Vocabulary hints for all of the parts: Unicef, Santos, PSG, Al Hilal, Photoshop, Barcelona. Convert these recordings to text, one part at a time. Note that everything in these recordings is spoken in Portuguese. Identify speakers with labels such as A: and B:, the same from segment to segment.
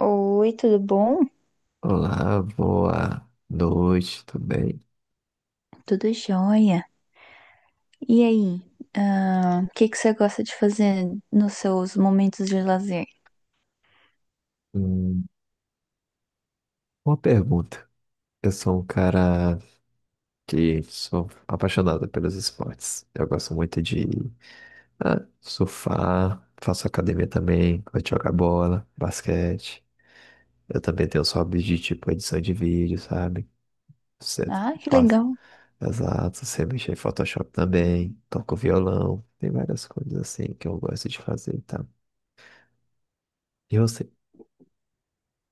A: Oi, tudo bom?
B: Olá, boa noite, tudo bem?
A: Tudo jóia. E aí, o que que você gosta de fazer nos seus momentos de lazer?
B: Hum, uma pergunta. Eu sou um cara que sou apaixonado pelos esportes. Eu gosto muito de surfar, faço academia também, gosto de jogar bola, basquete. Eu também tenho os hobbies de tipo edição de vídeo, sabe? Você
A: Ah, que
B: faz,
A: legal.
B: exato, você mexe em Photoshop também, toco violão, tem várias coisas assim que eu gosto de fazer, tá? E você?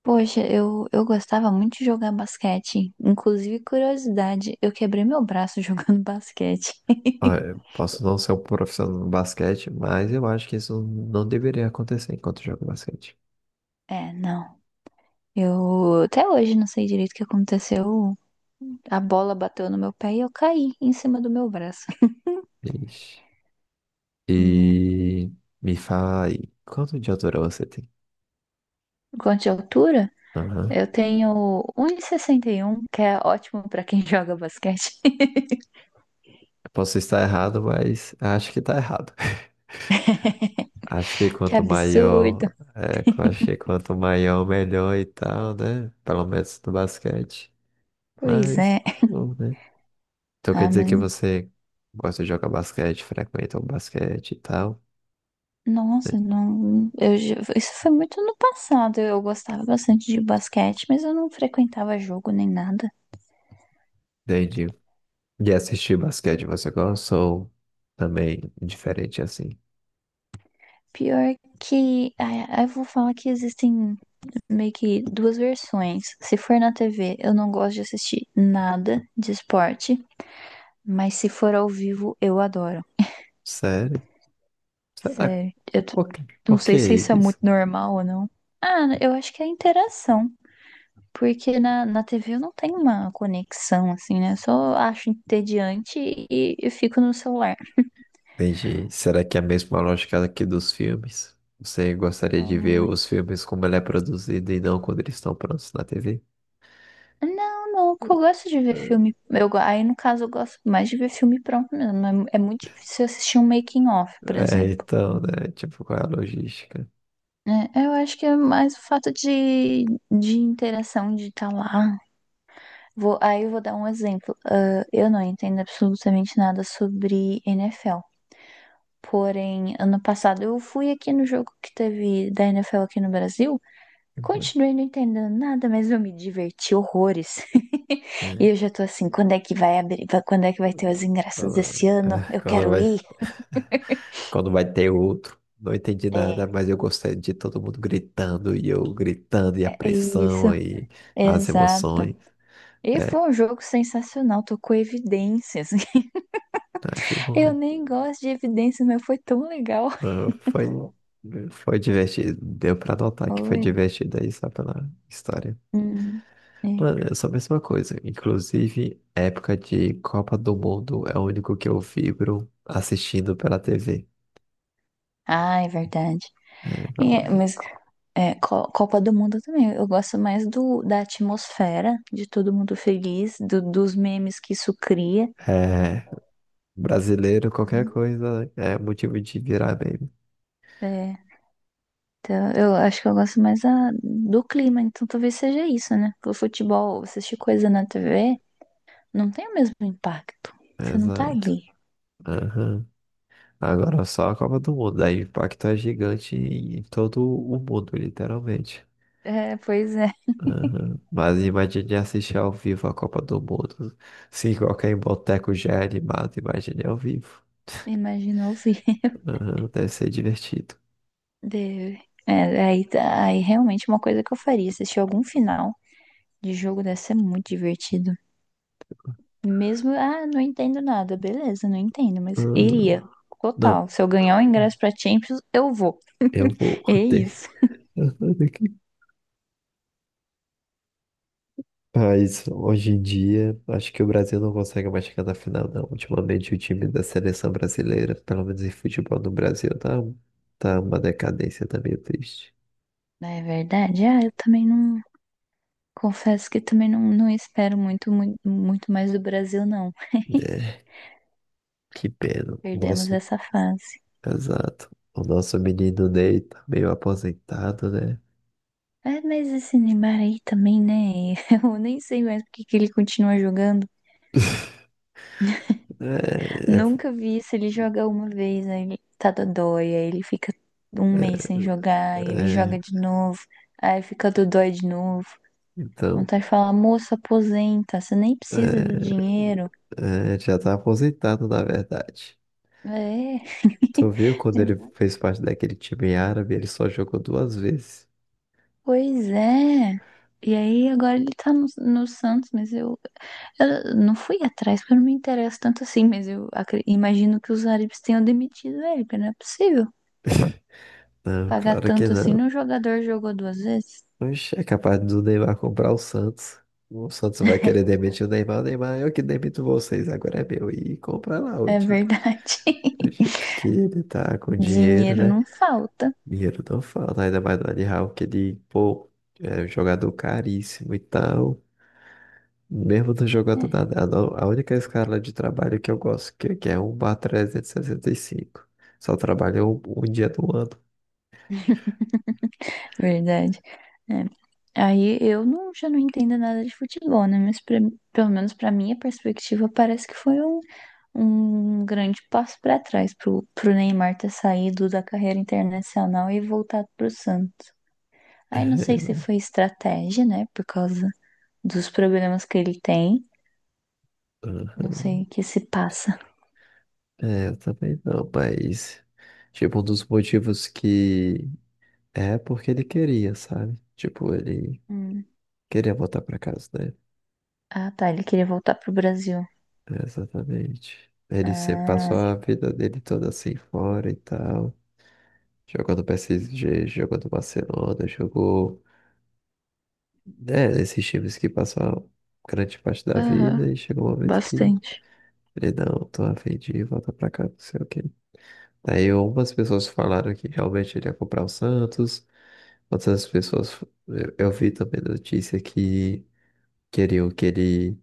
A: Poxa, eu gostava muito de jogar basquete. Inclusive, curiosidade, eu quebrei meu braço jogando basquete.
B: Olha, posso não ser um profissional no basquete, mas eu acho que isso não deveria acontecer enquanto eu jogo basquete.
A: É, não. Eu até hoje não sei direito o que aconteceu. A bola bateu no meu pé e eu caí em cima do meu braço.
B: Ixi.
A: Né?
B: E me fala aí, quanto de altura você tem?
A: Quanto de altura?
B: Aham.
A: Eu tenho um e sessenta e um, que é ótimo pra quem joga basquete.
B: Eu posso estar errado, mas acho que tá errado. Acho que
A: Que
B: quanto
A: absurdo.
B: maior, é, eu acho que quanto maior, melhor e tal, né? Pelo menos no basquete.
A: Pois
B: Mas,
A: é.
B: bom, né? Então quer
A: Ah,
B: dizer que
A: mas,
B: você gosta de jogar basquete, frequenta o basquete e tal, né?
A: nossa, não, isso foi muito no passado. Eu gostava bastante de basquete, mas eu não frequentava jogo nem nada.
B: Entendi. E assistir basquete você gosta ou também diferente assim?
A: Pior que, eu vou falar que existem meio que duas versões. Se for na TV, eu não gosto de assistir nada de esporte, mas se for ao vivo, eu adoro.
B: Sério? Será?
A: Sério,
B: Por que,
A: não
B: por que
A: sei se isso é
B: isso?
A: muito normal ou não. Ah, eu acho que é a interação. Porque na TV eu não tenho uma conexão, assim, né? Eu só acho entediante e fico no celular.
B: Entendi. Será que é a mesma lógica aqui dos filmes? Você gostaria de ver
A: Então,
B: os filmes como ele é produzido e não quando eles estão prontos na TV?
A: não, não, que eu gosto de ver filme. Aí, no caso, eu gosto mais de ver filme pronto mesmo. É, é muito difícil assistir um making-of, por
B: É,
A: exemplo.
B: então, né? Tipo, qual é a logística?
A: É, eu acho que é mais o fato de interação, de estar lá. Aí eu vou dar um exemplo. Ah, eu não entendo absolutamente nada sobre NFL. Porém, ano passado eu fui aqui no jogo que teve da NFL aqui no Brasil.
B: Uhum.
A: Continuei não entendendo nada, mas eu me diverti horrores. E
B: É,
A: eu já tô assim, quando é que vai abrir? Quando é que vai ter os ingressos esse ano?
B: é,
A: Eu quero ir.
B: quando vai ter outro. Não entendi
A: É,
B: nada, mas eu gostei de todo mundo gritando e eu gritando e a
A: é isso.
B: pressão e as
A: Exato.
B: emoções.
A: E
B: É,
A: foi um jogo sensacional, tocou evidências.
B: ah, que
A: Eu
B: bom.
A: nem gosto de evidências, mas foi tão legal.
B: Ah, foi, foi divertido. Deu pra notar que foi
A: Foi.
B: divertido aí só pela história.
A: Hum, é.
B: Mano, é só a mesma coisa. Inclusive, época de Copa do Mundo é o único que eu vibro assistindo pela TV.
A: Ah, é verdade.
B: É,
A: É,
B: falando.
A: mas Copa do Mundo também. Eu gosto mais da atmosfera, de todo mundo feliz, dos memes que isso cria.
B: É, brasileiro, qualquer coisa é motivo de virar meme.
A: É, então, eu acho que eu gosto mais do clima, então talvez seja isso, né? Porque o futebol, você assistir coisa na TV, não tem o mesmo impacto. Você não tá
B: Exato.
A: ali.
B: Aham. Agora só a Copa do Mundo. Aí o impacto é gigante em todo o mundo, literalmente.
A: É, pois é.
B: Aham. Mas imagine assistir ao vivo a Copa do Mundo. Se qualquer boteco já é animado, imagine ao vivo.
A: Imagina ouvir.
B: Aham, deve ser divertido.
A: Deve. É, aí realmente uma coisa que eu faria, assistir algum final de jogo deve ser muito divertido. Mesmo, não entendo nada, beleza, não entendo, mas
B: Aham,
A: iria.
B: não,
A: Total. Se eu ganhar o ingresso pra Champions, eu vou.
B: eu vou
A: É
B: ter.
A: isso.
B: Aham, daqui. Mas hoje em dia, acho que o Brasil não consegue mais chegar na final, não. Ultimamente, o time da seleção brasileira, pelo menos em futebol no Brasil, tá uma decadência, tá meio triste.
A: É verdade. Ah, eu também não. Confesso que também não, não espero muito, muito, muito mais do Brasil, não.
B: Né? Que pena. O
A: Perdemos
B: nosso,
A: essa fase.
B: exato. O nosso menino Ney tá meio aposentado, né?
A: É, mas esse Neymar aí também, né? Eu nem sei mais por que que ele continua jogando.
B: É,
A: Nunca vi isso. Ele joga uma vez, aí ele tá dodói, aí ele fica um mês sem jogar,
B: é,
A: aí ele joga
B: é,
A: de novo, aí fica dodói de novo.
B: então,
A: Vontade de falar, moço, aposenta, você nem precisa do dinheiro.
B: é, já tá aposentado, na verdade.
A: É.
B: Tu viu quando ele fez parte daquele time árabe, ele só jogou duas vezes.
A: Pois é. E aí agora ele tá no Santos, mas eu não fui atrás porque eu não me interesso tanto assim, mas imagino que os árabes tenham demitido ele, porque não é possível
B: Não,
A: pagar
B: claro que
A: tanto assim
B: não.
A: num jogador que jogou duas vezes.
B: Oxe, é capaz do Neymar comprar o Santos. O Santos vai querer demitir o Neymar. O Neymar, eu que demito vocês, agora é meu. E compra lá o
A: É
B: time.
A: verdade.
B: Do jeito que ele tá com dinheiro,
A: Dinheiro
B: né?
A: não falta.
B: Dinheiro não falta, ainda mais do Al Hilal, que ele, pô, é um jogador caríssimo e tal. Mesmo no jogo
A: É
B: atual, a no- a única escala de trabalho que eu gosto, que é um bar cinco. Só trabalho um dia do ano.
A: verdade. É. Aí eu não, já não entendo nada de futebol, né? Mas pelo menos para minha perspectiva, parece que foi um grande passo para trás pro Neymar ter saído da carreira internacional e voltado pro Santos. Aí não sei se foi estratégia, né? Por causa dos problemas que ele tem. Não
B: Aham.
A: sei o que se passa.
B: É, eu também não, mas... Tipo, um dos motivos que... É porque ele queria, sabe? Tipo, ele
A: Hum.
B: queria voltar pra casa, né?
A: Ah, tá. Ele queria voltar pro Brasil.
B: É, exatamente. Ele sempre
A: Ah,
B: passou a vida dele toda assim fora e tal. Jogou no PSG, jogou no Barcelona, jogou. É, esses times que passam grande parte da
A: aham,
B: vida e chega um momento que
A: bastante.
B: ele não, tô a fim de voltar pra cá, não sei o quê. Aí, algumas pessoas falaram que realmente ele ia comprar o Santos, outras pessoas, eu vi também notícia que queriam que ele,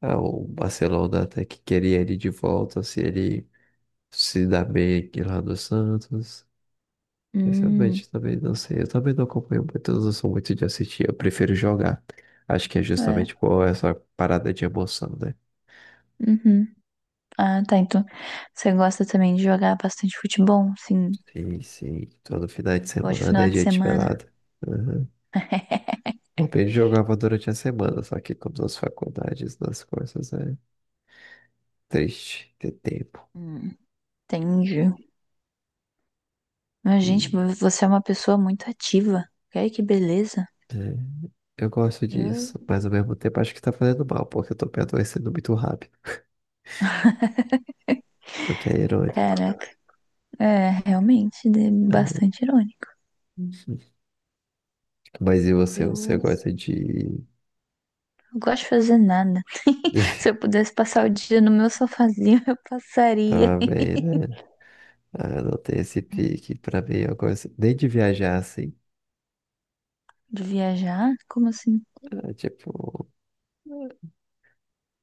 B: ah, o Barcelona até que queria ele de volta, se ele se dá bem aqui lá no Santos. Eu
A: Hum,
B: realmente também não sei. Eu também não acompanho muito, eu não sou muito de assistir, eu prefiro jogar. Acho que é
A: é.
B: justamente por essa parada de emoção, né?
A: Uhum. Ah, tá. Então, você gosta também de jogar bastante futebol, sim,
B: Sim, sim. Todo final de
A: pode
B: semana
A: final
B: é
A: de
B: dia de
A: semana.
B: pelada. Uhum. Bom, eu jogava durante a semana, só que com duas faculdades, duas coisas, é triste ter tempo.
A: Hum, entendi. Mas,
B: E,
A: gente, você é uma pessoa muito ativa. Olha que beleza.
B: é, eu gosto
A: Eu,
B: disso, mas ao mesmo tempo acho que tá fazendo mal, porque eu tô me adoecendo muito rápido, o que é irônico.
A: Caraca. É, realmente,
B: Uhum.
A: bastante irônico.
B: Mas e você?
A: Eu
B: Você
A: não
B: gosta de.
A: gosto de fazer nada. Se eu pudesse passar o dia no meu sofazinho, eu passaria.
B: Tava bem, né? Anotei esse pique pra mim. Eu gosto nem de viajar assim.
A: De viajar? Como assim?
B: Ah, tipo,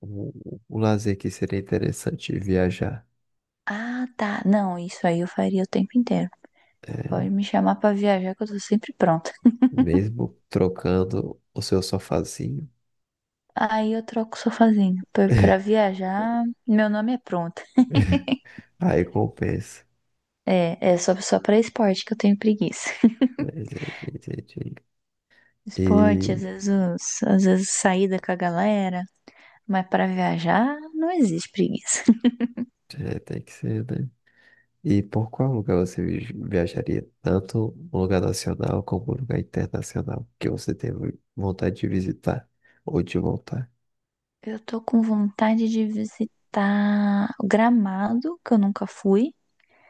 B: o, o lazer que seria interessante viajar.
A: Ah, tá. Não, isso aí eu faria o tempo inteiro. Pode
B: É,
A: me chamar pra viajar que eu tô sempre pronta.
B: mesmo trocando o seu sofazinho,
A: Aí eu troco o sofazinho pra viajar. Meu nome é pronta.
B: aí compensa.
A: É, é só, pra esporte que eu tenho preguiça.
B: É, entendi, entendi.
A: Esporte, às
B: E
A: vezes, às vezes saída com a galera, mas pra viajar não existe preguiça.
B: é, tem que ser, né? E por qual lugar você viajaria? Tanto um lugar nacional como um lugar internacional que você tem vontade de visitar ou de voltar?
A: Eu tô com vontade de visitar o Gramado, que eu nunca fui.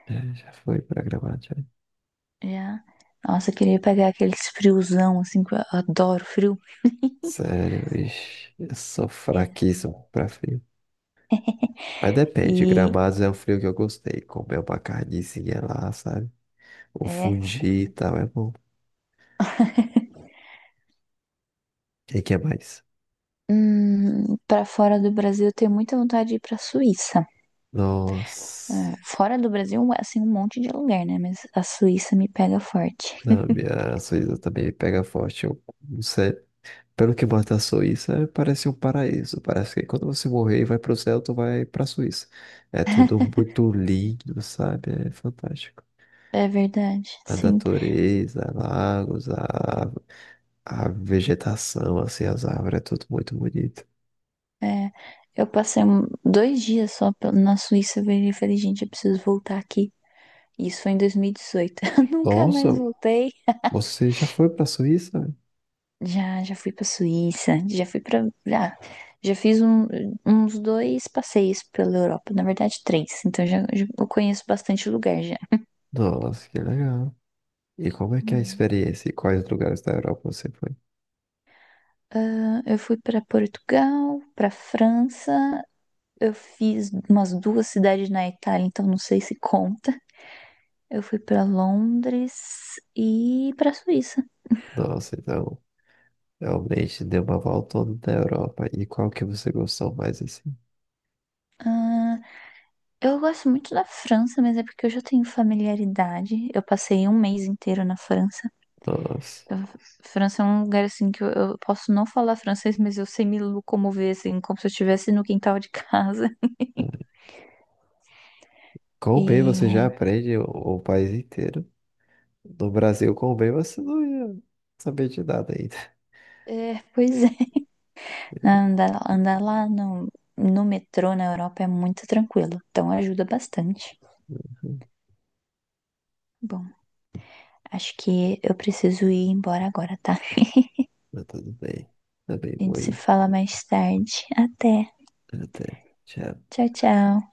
B: É, já foi pra gramado já.
A: Já. Nossa, eu queria pegar aqueles friozão, assim, que eu adoro frio.
B: Sério, ixi, eu sou
A: É.
B: fraquíssimo pra frio. Mas depende,
A: E
B: Gramados é um frio que eu gostei. Comer uma carnezinha lá, sabe? O
A: é.
B: fundi e tal, é bom. E o que é mais?
A: Para fora do Brasil, eu tenho muita vontade de ir pra Suíça.
B: Nossa.
A: Fora do Brasil, é, assim, um monte de lugar, né? Mas a Suíça me pega forte.
B: Não, minha Suíça também pega forte. Eu, não sei. Pelo que mata a Suíça, parece um paraíso. Parece que quando você morrer e vai pro céu, tu vai pra Suíça. É tudo muito lindo, sabe? É fantástico.
A: É verdade,
B: A
A: sim.
B: natureza, lagos, a vegetação, assim, as árvores, é tudo muito bonito.
A: É, eu passei 2 dias só na Suíça, eu virei e falei, gente, eu preciso voltar aqui. Isso foi em 2018. Nunca mais
B: Nossa,
A: voltei.
B: você já foi pra Suíça?
A: Já, já fui pra Suíça, já fui pra. Já, já fiz uns dois passeios pela Europa, na verdade, três. Então já, eu conheço bastante lugar já.
B: Nossa, que legal. E como é que é a
A: Hum.
B: experiência? E quais lugares da Europa você foi?
A: Eu fui pra Portugal, pra França, eu fiz umas duas cidades na Itália, então não sei se conta. Eu fui pra Londres e pra Suíça.
B: Nossa, então, realmente deu uma volta toda da Europa. E qual que você gostou mais, assim?
A: Ah, eu gosto muito da França, mas é porque eu já tenho familiaridade. Eu passei um mês inteiro na França.
B: Nossa.
A: Eu- França é um lugar assim que eu posso não falar francês, mas eu sei me locomover assim, como se eu estivesse no quintal de casa.
B: É. Com o bem você já
A: E
B: aprende o país inteiro. No Brasil, com o bem você não ia saber de nada ainda.
A: é, pois é, andar lá no metrô na Europa é muito tranquilo, então ajuda bastante. Bom. Acho que eu preciso ir embora agora, tá?
B: Mas tudo bem. Também
A: A
B: vou
A: gente se
B: ir.
A: fala mais tarde. Até.
B: Até. Tchau.
A: Tchau, tchau.